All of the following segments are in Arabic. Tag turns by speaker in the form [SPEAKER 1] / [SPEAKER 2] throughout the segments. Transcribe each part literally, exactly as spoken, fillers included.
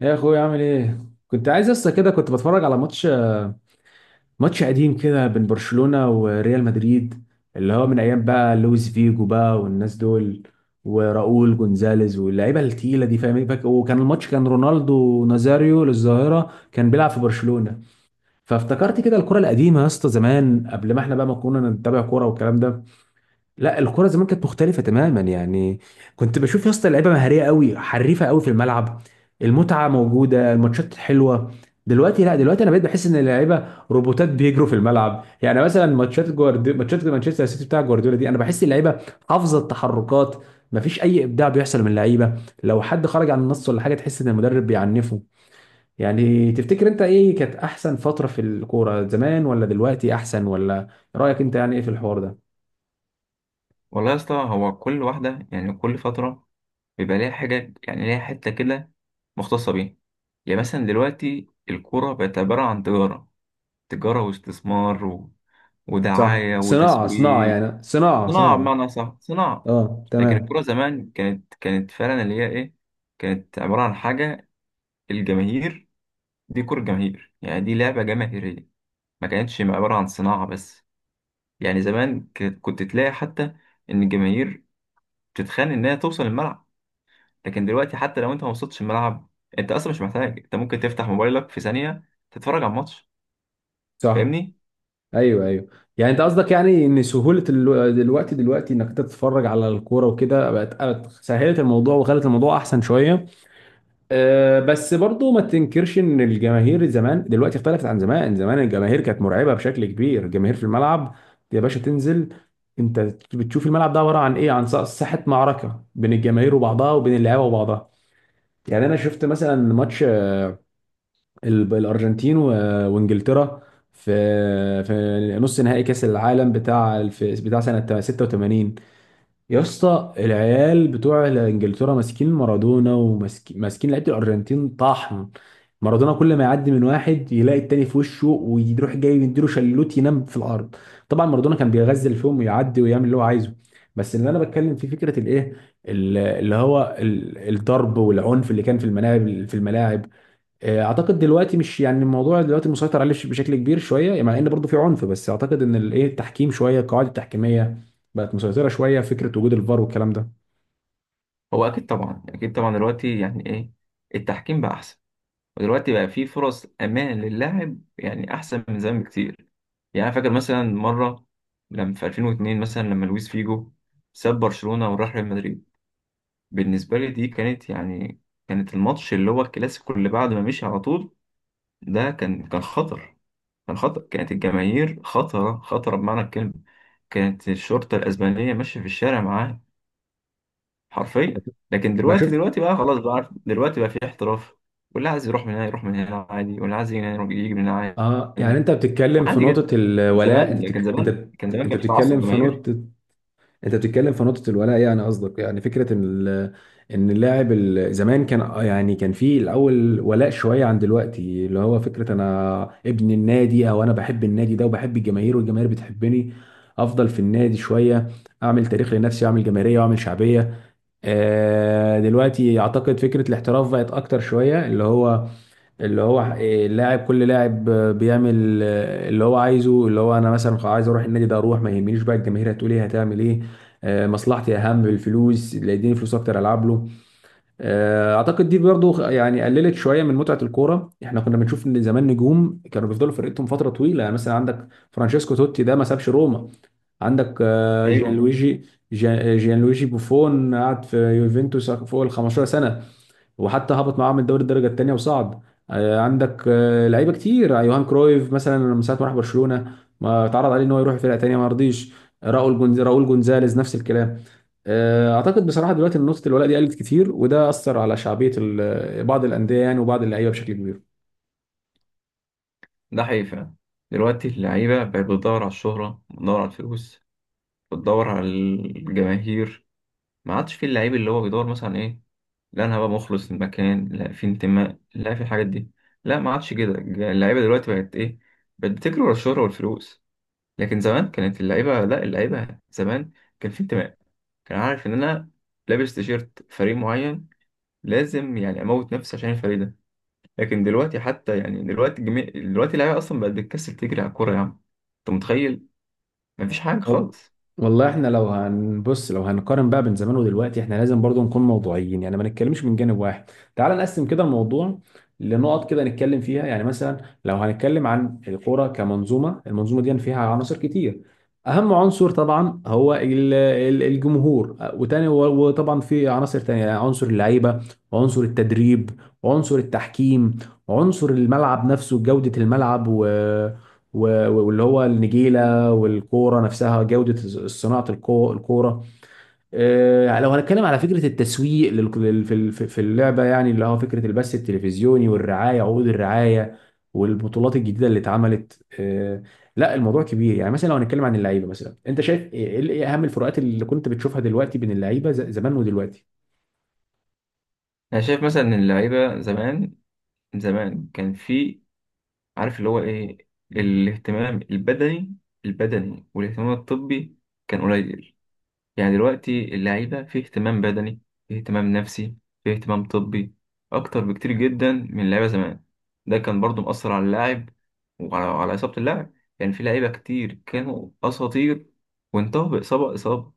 [SPEAKER 1] يا اخويا عامل ايه؟ كنت عايز لسه كده، كنت بتفرج على ماتش ماتش قديم كده بين برشلونة وريال مدريد، اللي هو من ايام بقى لويس فيجو بقى والناس دول، وراؤول جونزاليز واللعيبه التقيله دي. فاهم إيه؟ فاك- وكان الماتش، كان رونالدو نازاريو للظاهره كان بيلعب في برشلونة. فافتكرت كده الكرة القديمة يا اسطى، زمان قبل ما احنا بقى ما كنا نتابع كورة والكلام ده. لا، الكرة زمان كانت مختلفة تماما يعني. كنت بشوف يا اسطى لعيبة مهارية قوي، حريفة قوي في الملعب، المتعة موجودة، الماتشات حلوة. دلوقتي لا، دلوقتي انا بقيت بحس ان اللعيبة روبوتات بيجروا في الملعب. يعني مثلا ماتشات جوارديولا، ماتشات مانشستر سيتي بتاع جوارديولا دي، انا بحس اللعيبة حافظة التحركات، مفيش اي ابداع بيحصل من اللعيبة. لو حد خرج عن النص ولا حاجة تحس ان المدرب بيعنفه. يعني تفتكر انت ايه كانت احسن فترة في الكورة، زمان ولا دلوقتي احسن؟ ولا رأيك انت يعني ايه في الحوار ده؟
[SPEAKER 2] والله يا اسطى، هو كل واحدة يعني كل فترة بيبقى ليها حاجة، يعني ليها حتة كده مختصة بيها. يعني مثلا دلوقتي الكورة بقت عبارة عن تجارة تجارة واستثمار و...
[SPEAKER 1] صح،
[SPEAKER 2] ودعاية
[SPEAKER 1] صناعة صناعة
[SPEAKER 2] وتسويق.
[SPEAKER 1] يعني، صناعة
[SPEAKER 2] صناعة،
[SPEAKER 1] صناعة
[SPEAKER 2] بمعنى صح، صناعة.
[SPEAKER 1] اه
[SPEAKER 2] لكن الكورة
[SPEAKER 1] تمام.
[SPEAKER 2] زمان كانت كانت فعلا اللي هي إيه، كانت عبارة عن حاجة، الجماهير. دي كورة جماهير، يعني دي لعبة جماهيرية، ما كانتش عبارة عن صناعة بس. يعني زمان كانت- كنت تلاقي حتى إن الجماهير بتتخانق إنها توصل الملعب. لكن دلوقتي حتى لو انت ما وصلتش الملعب، انت اصلا مش محتاج، انت ممكن تفتح موبايلك في ثانية تتفرج على الماتش.
[SPEAKER 1] صح.
[SPEAKER 2] فاهمني؟
[SPEAKER 1] ايوه ايوه. يعني انت قصدك يعني ان سهولة ال- دلوقتي دلوقتي انك تتفرج على الكورة وكده، بقت بقت سهلت الموضوع وخلت الموضوع احسن شوية. أه، بس برضو ما تنكرش ان الجماهير زمان دلوقتي اختلفت عن زمان. زمان الجماهير كانت مرعبة بشكل كبير، الجماهير في الملعب. يا باشا تنزل انت بتشوف الملعب ده عبارة عن ايه؟ عن ص- ساحة معركة بين الجماهير وبعضها وبين اللعيبة وبعضها. يعني انا شفت مثلا ماتش ال- الارجنتين و- وانجلترا في في نص نهائي كاس العالم بتاع في بتاع سنه ستة وتمانين. يا اسطى العيال بتوع انجلترا ماسكين مارادونا وماسكين لعيبه الارجنتين طحن. مارادونا كل ما يعدي من واحد يلاقي التاني في وشه، ويروح جاي يديله شلوت ينام في الارض. طبعا مارادونا كان بيغزل فيهم ويعدي ويعمل اللي هو عايزه. بس اللي انا بتكلم فيه فكره الايه، ال- اللي هو ال- الضرب والعنف اللي كان في الملاعب في الملاعب آه، اعتقد دلوقتي مش يعني، الموضوع دلوقتي مسيطر عليه بشكل كبير شويه، يعني مع ان برضه في عنف. بس اعتقد ان الايه التحكيم شويه، القواعد التحكيميه بقت مسيطره شويه، فكره وجود الفار والكلام ده.
[SPEAKER 2] هو اكيد طبعا، اكيد طبعا. دلوقتي يعني ايه، التحكيم بقى احسن، ودلوقتي بقى في فرص امان للاعب، يعني احسن من زمان بكتير. يعني انا فاكر مثلا مرة لما في ألفين واتنين، مثلا لما لويس فيجو ساب برشلونة وراح ريال مدريد. بالنسبة لي دي كانت يعني، كانت الماتش اللي هو الكلاسيكو اللي بعد ما مشي على طول. ده كان كان خطر، كان خطر، كانت الجماهير خطرة خطرة بمعنى الكلمة. كانت الشرطة الأسبانية ماشية في الشارع معاه، حرفيا. لكن
[SPEAKER 1] انا
[SPEAKER 2] دلوقتي
[SPEAKER 1] شفت.
[SPEAKER 2] دلوقتي بقى خلاص، بقى عارف، دلوقتي بقى في احتراف. واللي عايز يروح من هنا يروح من هنا عادي، واللي عايز يجي من هنا يجي من هنا.
[SPEAKER 1] اه، يعني
[SPEAKER 2] عادي،
[SPEAKER 1] انت بتتكلم في
[SPEAKER 2] عادي
[SPEAKER 1] نقطه
[SPEAKER 2] جدا.
[SPEAKER 1] الولاء،
[SPEAKER 2] زمان،
[SPEAKER 1] انت
[SPEAKER 2] لكن
[SPEAKER 1] بتك...
[SPEAKER 2] زمان
[SPEAKER 1] انت،
[SPEAKER 2] كان زمان
[SPEAKER 1] انت
[SPEAKER 2] كان في تعصب
[SPEAKER 1] بتتكلم في
[SPEAKER 2] جماهيري.
[SPEAKER 1] نقطه، انت بتتكلم في نقطة الولاء. يعني قصدك يعني فكرة ان ال- ان اللاعب ال- زمان كان آه يعني، كان في الاول ولاء شوية عن دلوقتي، اللي هو فكرة انا ابن النادي او انا بحب النادي ده وبحب الجماهير والجماهير بتحبني، افضل في النادي شوية، اعمل تاريخ لنفسي واعمل جماهيرية واعمل شعبية. آه، دلوقتي اعتقد فكرة الاحتراف بقت اكتر شوية، اللي هو، اللي هو إيه، اللاعب كل لاعب آه، بيعمل آه، اللي هو عايزه، اللي هو انا مثلا خ- عايز اروح النادي ده اروح، ما يهمنيش بقى الجماهير هتقول ايه، هتعمل ايه. آه، مصلحتي اهم، الفلوس اللي يديني فلوس اكتر العب له. آه، اعتقد دي برضو خ- يعني قللت شويه من متعه الكوره. احنا كنا بنشوف ان زمان نجوم كانوا بيفضلوا في فرقتهم فتره طويله، يعني مثلا عندك فرانشيسكو توتي ده ما سابش روما. عندك آه،
[SPEAKER 2] أيوه.
[SPEAKER 1] جيانلويجي، جيان- جيانلويجي بوفون قعد في يوفنتوس فوق ال خمستاشر سنة سنه، وحتى هبط معاه من دوري الدرجه الثانيه وصعد. آه، عندك آه، لعيبه كتير، آه، يوهان كرويف مثلا من ساعه ما راح برشلونه ما اتعرض عليه ان هو يروح فرقه ثانيه ما رضيش. آه، راؤول جونز، راؤول جونزاليز نفس الكلام. آه، اعتقد بصراحه دلوقتي إن نقطه الولاء دي قلت كتير، وده اثر على شعبيه ال- آه، بعض الانديه يعني وبعض اللعيبه بشكل كبير.
[SPEAKER 2] ده حقيقي فعلا. دلوقتي اللعيبة بقت بتدور على الشهرة، بتدور على الفلوس، بتدور على الجماهير. ما عادش في اللعيب اللي هو بيدور مثلا إيه، لا انا هبقى مخلص للمكان، لا في انتماء، لا في الحاجات دي. لا، ما عادش كده. اللعيبه دلوقتي بقت ايه، بقت بتجري ورا الشهره والفلوس. لكن زمان كانت اللعيبه، لا، اللعيبه زمان كان في انتماء، كان عارف ان انا لابس تيشيرت فريق معين لازم يعني اموت نفسي عشان الفريق ده. لكن دلوقتي حتى يعني دلوقتي جميع دلوقتي اللعيبه اصلا بقت بتكسل تجري على الكوره، يا عم. انت متخيل؟ مفيش حاجه
[SPEAKER 1] وال-
[SPEAKER 2] خالص.
[SPEAKER 1] والله احنا لو هنبص، لو هنقارن بقى بين زمان ودلوقتي، احنا لازم برضو نكون موضوعيين، يعني ما نتكلمش من جانب واحد. تعال نقسم كده الموضوع لنقط كده نتكلم فيها. يعني مثلا لو هنتكلم عن الكورة كمنظومة، المنظومة دي فيها عناصر كتير. اهم عنصر طبعا هو ال- ال- الجمهور، وتاني وطبعا في عناصر تانية، يعني عنصر اللعيبة، وعنصر التدريب، وعنصر التحكيم، وعنصر الملعب نفسه، جودة الملعب، و... و- واللي هو النجيلة، والكوره نفسها جوده، صناعه الكو- الكوره. آه، لو هنتكلم على فكره التسويق لل- لل- في ال- في اللعبه، يعني اللي هو فكره البث التلفزيوني والرعايه، عقود الرعايه، والبطولات الجديده اللي اتعملت آه، لا، الموضوع كبير. يعني مثلا لو هنتكلم عن اللعيبه مثلا، انت شايف ايه، إيه اهم الفروقات اللي كنت بتشوفها دلوقتي بين اللعيبه ز- زمان ودلوقتي؟
[SPEAKER 2] انا شايف مثلا ان اللعيبه زمان زمان كان في، عارف اللي هو ايه، الاهتمام البدني، البدني والاهتمام الطبي كان قليل. يعني دلوقتي اللعيبة في اهتمام بدني، في اهتمام نفسي، في اهتمام طبي، أكتر بكتير جدا من اللعيبة زمان. ده كان برضو مؤثر على اللاعب، وعلى على إصابة اللاعب. يعني في لعيبة كتير كانوا أساطير وانتهوا بإصابة، إصابة.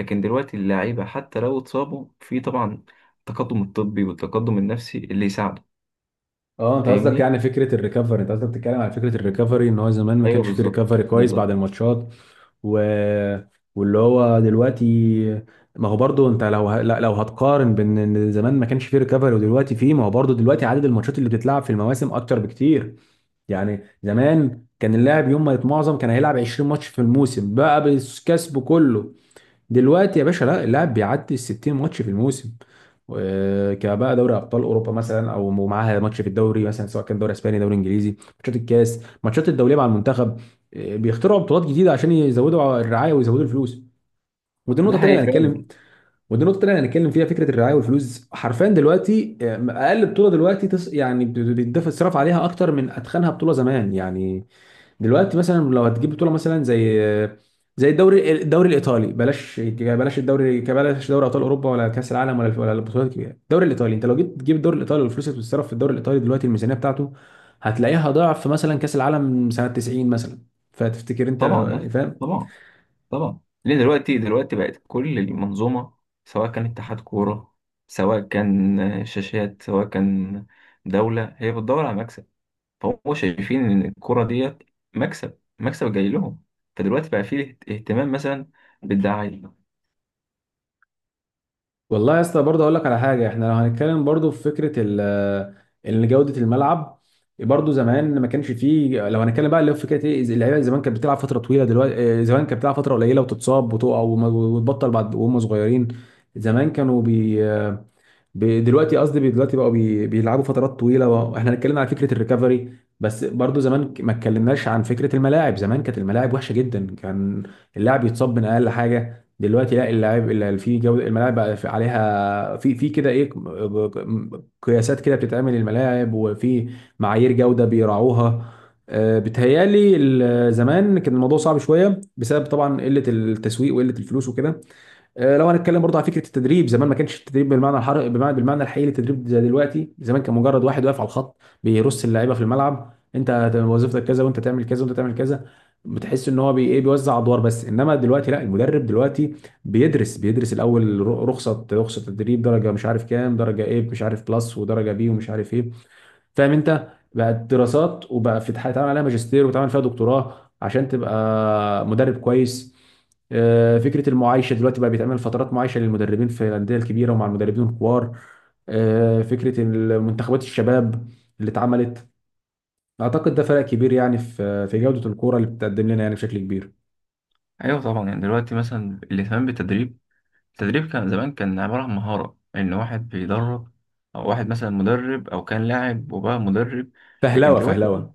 [SPEAKER 2] لكن دلوقتي اللعيبة حتى لو اتصابوا، في طبعا التقدم الطبي والتقدم النفسي اللي يساعده.
[SPEAKER 1] اه، انت قصدك
[SPEAKER 2] فاهمني؟
[SPEAKER 1] يعني فكره الريكفري، انت قصدك بتتكلم على فكره الريكفري ان هو زمان ما
[SPEAKER 2] أيوه
[SPEAKER 1] كانش فيه
[SPEAKER 2] بالظبط،
[SPEAKER 1] ريكفري كويس بعد
[SPEAKER 2] بالظبط.
[SPEAKER 1] الماتشات. و... واللي هو دلوقتي، ما هو برضو انت لو ه... لا- لو هتقارن بين ان زمان ما كانش فيه ريكفري ودلوقتي فيه، ما هو برضو دلوقتي عدد الماتشات اللي بتتلعب في المواسم اكتر بكتير. يعني زمان كان اللاعب يوم ما يتمعظم كان هيلعب عشرين ماتش في الموسم بقى بالكسب كله. دلوقتي يا باشا لا، اللاعب بيعدي ال ستين ماتش في الموسم. و- كبقى دوري ابطال اوروبا مثلا او معاها ماتش في الدوري مثلا، سواء كان دوري اسباني دوري انجليزي، ماتشات الكاس، ماتشات الدوليه مع المنتخب. آه، بيخترعوا بطولات جديده عشان يزودوا الرعايه ويزودوا الفلوس. ودي النقطه
[SPEAKER 2] ده
[SPEAKER 1] الثانيه
[SPEAKER 2] حقيقي
[SPEAKER 1] اللي هنتكلم،
[SPEAKER 2] فعلا.
[SPEAKER 1] ودي النقطه الثانيه اللي هنتكلم فيها، فكره الرعايه والفلوس. حرفيا دلوقتي آه، اقل بطوله دلوقتي تس... يعني بت- بيتدفع الصرف عليها اكتر من اتخنها بطوله زمان يعني. دلوقتي مثلا لو هتجيب بطوله مثلا زي، زي الدوري، الدوري الايطالي، بلاش، بلاش الدوري، بلاش دوري ابطال اوروبا ولا كاس العالم ولا ولا البطولات الكبيره. الدوري الايطالي، انت لو جيت تجيب الدوري الايطالي والفلوس اللي بتتصرف في الدوري الايطالي دلوقتي، الميزانيه بتاعته هتلاقيها ضعف مثلا كاس العالم سنه تسعين مثلا. فتفتكر انت
[SPEAKER 2] طبعا يا
[SPEAKER 1] لو
[SPEAKER 2] اسطى،
[SPEAKER 1] فاهم؟
[SPEAKER 2] طبعا، طبعا. ليه؟ دلوقتي دلوقتي بقت كل المنظومه، سواء كان اتحاد كوره، سواء كان آه، شاشات، سواء كان دوله، هي بتدور على مكسب. فهم شايفين ان الكوره ديت مكسب، مكسب جاي لهم. فدلوقتي بقى فيه اهتمام مثلا بالدعايه.
[SPEAKER 1] والله يا اسطى برضه اقول لك على حاجه. احنا لو هنتكلم برضه في فكره ال آه، ان جوده الملعب، برضه زمان ما كانش فيه. لو هنتكلم بقى اللي هو فكره ايه، اللعيبه زمان كانت بتلعب فتره طويله. دلوقتي إيه، زمان كانت بتلعب فتره قليله وتتصاب وتقع وما- وتبطل بعد وهم صغيرين. زمان كانوا بي ب- دلوقتي قصدي بي- دلوقتي بقوا بي- بيلعبوا فترات طويله بقى. احنا هنتكلم على فكره الريكفري، بس برضو زمان ك- ما اتكلمناش عن فكره الملاعب. زمان كانت الملاعب وحشه جدا، كان اللاعب يتصاب من اقل حاجه. دلوقتي لا، اللاعب اللي في جوده الملاعب بقى في- عليها، في في كده ايه، م- قياسات كده بتتعمل الملاعب، وفي معايير جوده بيراعوها. آه، بتهيالي ال- زمان كان الموضوع صعب شويه بسبب طبعا قله التسويق وقله الفلوس وكده. آه، لو هنتكلم برضه على فكره التدريب، زمان ما كانش التدريب بالمعنى الحر، بمعنى بالمعنى الحقيقي للتدريب زي دلوقتي. زمان كان مجرد واحد واقف على الخط بيرص اللعيبه في الملعب، انت هت- وظيفتك كذا، وانت تعمل كذا، وانت تعمل كذا. بتحس ان هو بي ايه، بيوزع ادوار بس. انما دلوقتي لا، المدرب دلوقتي بيدرس بيدرس الاول، ر- رخصه رخصه تدريب، درجه مش عارف كام، درجه ايه مش عارف، بلس ودرجه بي ومش عارف ايه. فاهم انت، بقت دراسات، وبقى في اتعمل عليها ماجستير وتعمل فيها دكتوراه عشان تبقى مدرب كويس. آه، فكره المعايشه دلوقتي بقى بيتعمل فترات معايشه للمدربين في الانديه الكبيره ومع المدربين الكبار. آه، فكره منتخبات الشباب اللي اتعملت، اعتقد ده فرق كبير يعني في في جوده الكوره اللي بتقدم لنا يعني بشكل كبير.
[SPEAKER 2] ايوه طبعا، يعني دلوقتي مثلا الاهتمام بالتدريب. التدريب كان زمان كان عباره عن مهاره ان واحد بيدرب، او واحد مثلا مدرب او كان لاعب وبقى مدرب. لكن
[SPEAKER 1] فهلوه
[SPEAKER 2] دلوقتي
[SPEAKER 1] فهلوه.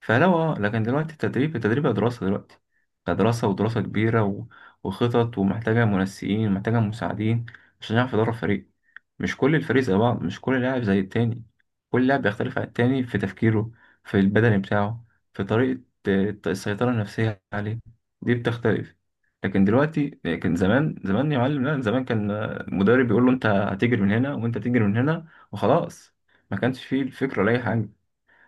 [SPEAKER 2] فلو اه لكن دلوقتي التدريب التدريب بقى دراسة. دلوقتي بقى دراسة، ودراسة كبيرة، و... وخطط، ومحتاجة منسقين ومحتاجة مساعدين عشان يعرف يدرب فريق. مش كل الفريق زي بعض، مش كل لاعب زي التاني، كل لاعب بيختلف عن التاني في تفكيره، في البدني بتاعه، في طريقة آه، السيطرة النفسية عليه، دي بتختلف. لكن دلوقتي، لكن زمان زمان يا معلم، لا زمان كان، آه، المدرب بيقول له انت هتجري من هنا وانت تجري من هنا وخلاص. ما كانش فيه الفكرة ولا أي حاجة.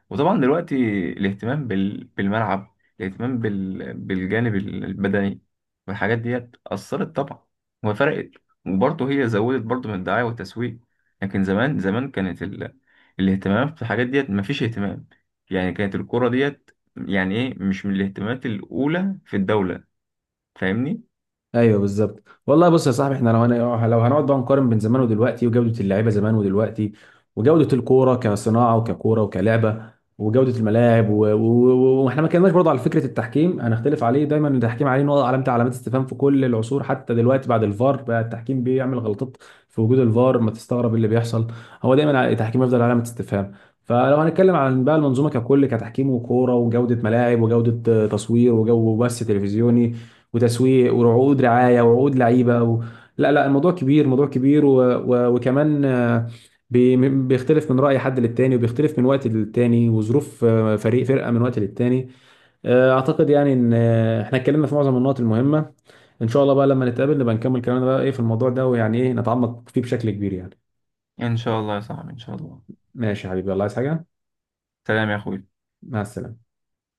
[SPEAKER 2] وطبعا دلوقتي الاهتمام بال... بالملعب، الاهتمام بال... بالجانب البدني، والحاجات ديت أثرت طبعا وفرقت. وبرضه هي زودت برضه من الدعاية والتسويق. لكن زمان، زمان كانت ال... الاهتمام في الحاجات ديت مفيش اهتمام. يعني كانت الكرة ديت يعني ايه مش من الاهتمامات الأولى في الدولة. فاهمني؟
[SPEAKER 1] ايوه بالظبط والله. بص يا صاحبي، احنا لو هن... لو هنقعد بقى نقارن بين زمان ودلوقتي، وجوده اللعيبه زمان ودلوقتي، وجوده الكوره كصناعه وككوره وكلعبه، وجوده الملاعب و... و... و- واحنا ما كناش برضه على فكره التحكيم. هنختلف عليه دايما التحكيم، عليه نقطه، علامه، علامات استفهام في كل العصور. حتى دلوقتي بعد الفار بقى التحكيم بيعمل غلطات في وجود الفار. ما تستغرب إيه اللي بيحصل، هو دايما التحكيم يفضل علامه استفهام. فلو هنتكلم عن بقى المنظومه ككل، كتحكيم وكوره وجوده ملاعب وجوده آه، تصوير وجو بث تلفزيوني وتسويق وعقود رعايه وعقود لعيبه و... لا لا، الموضوع كبير، موضوع كبير. و... و... وكمان آه، بي... بيختلف من راي حد للتاني، وبيختلف من وقت للتاني، وظروف آه، فريق فرقه من وقت للتاني. آه، اعتقد يعني ان آه، احنا اتكلمنا في معظم النقط المهمه. ان شاء الله بقى لما نتقابل نبقى نكمل كلامنا بقى ايه في الموضوع ده، ويعني ايه نتعمق فيه بشكل كبير يعني.
[SPEAKER 2] إن شاء الله يا صاحبي، إن شاء الله.
[SPEAKER 1] ماشي يا حبيبي، الله عايز حاجه؟
[SPEAKER 2] سلام يا أخوي.
[SPEAKER 1] مع السلامه.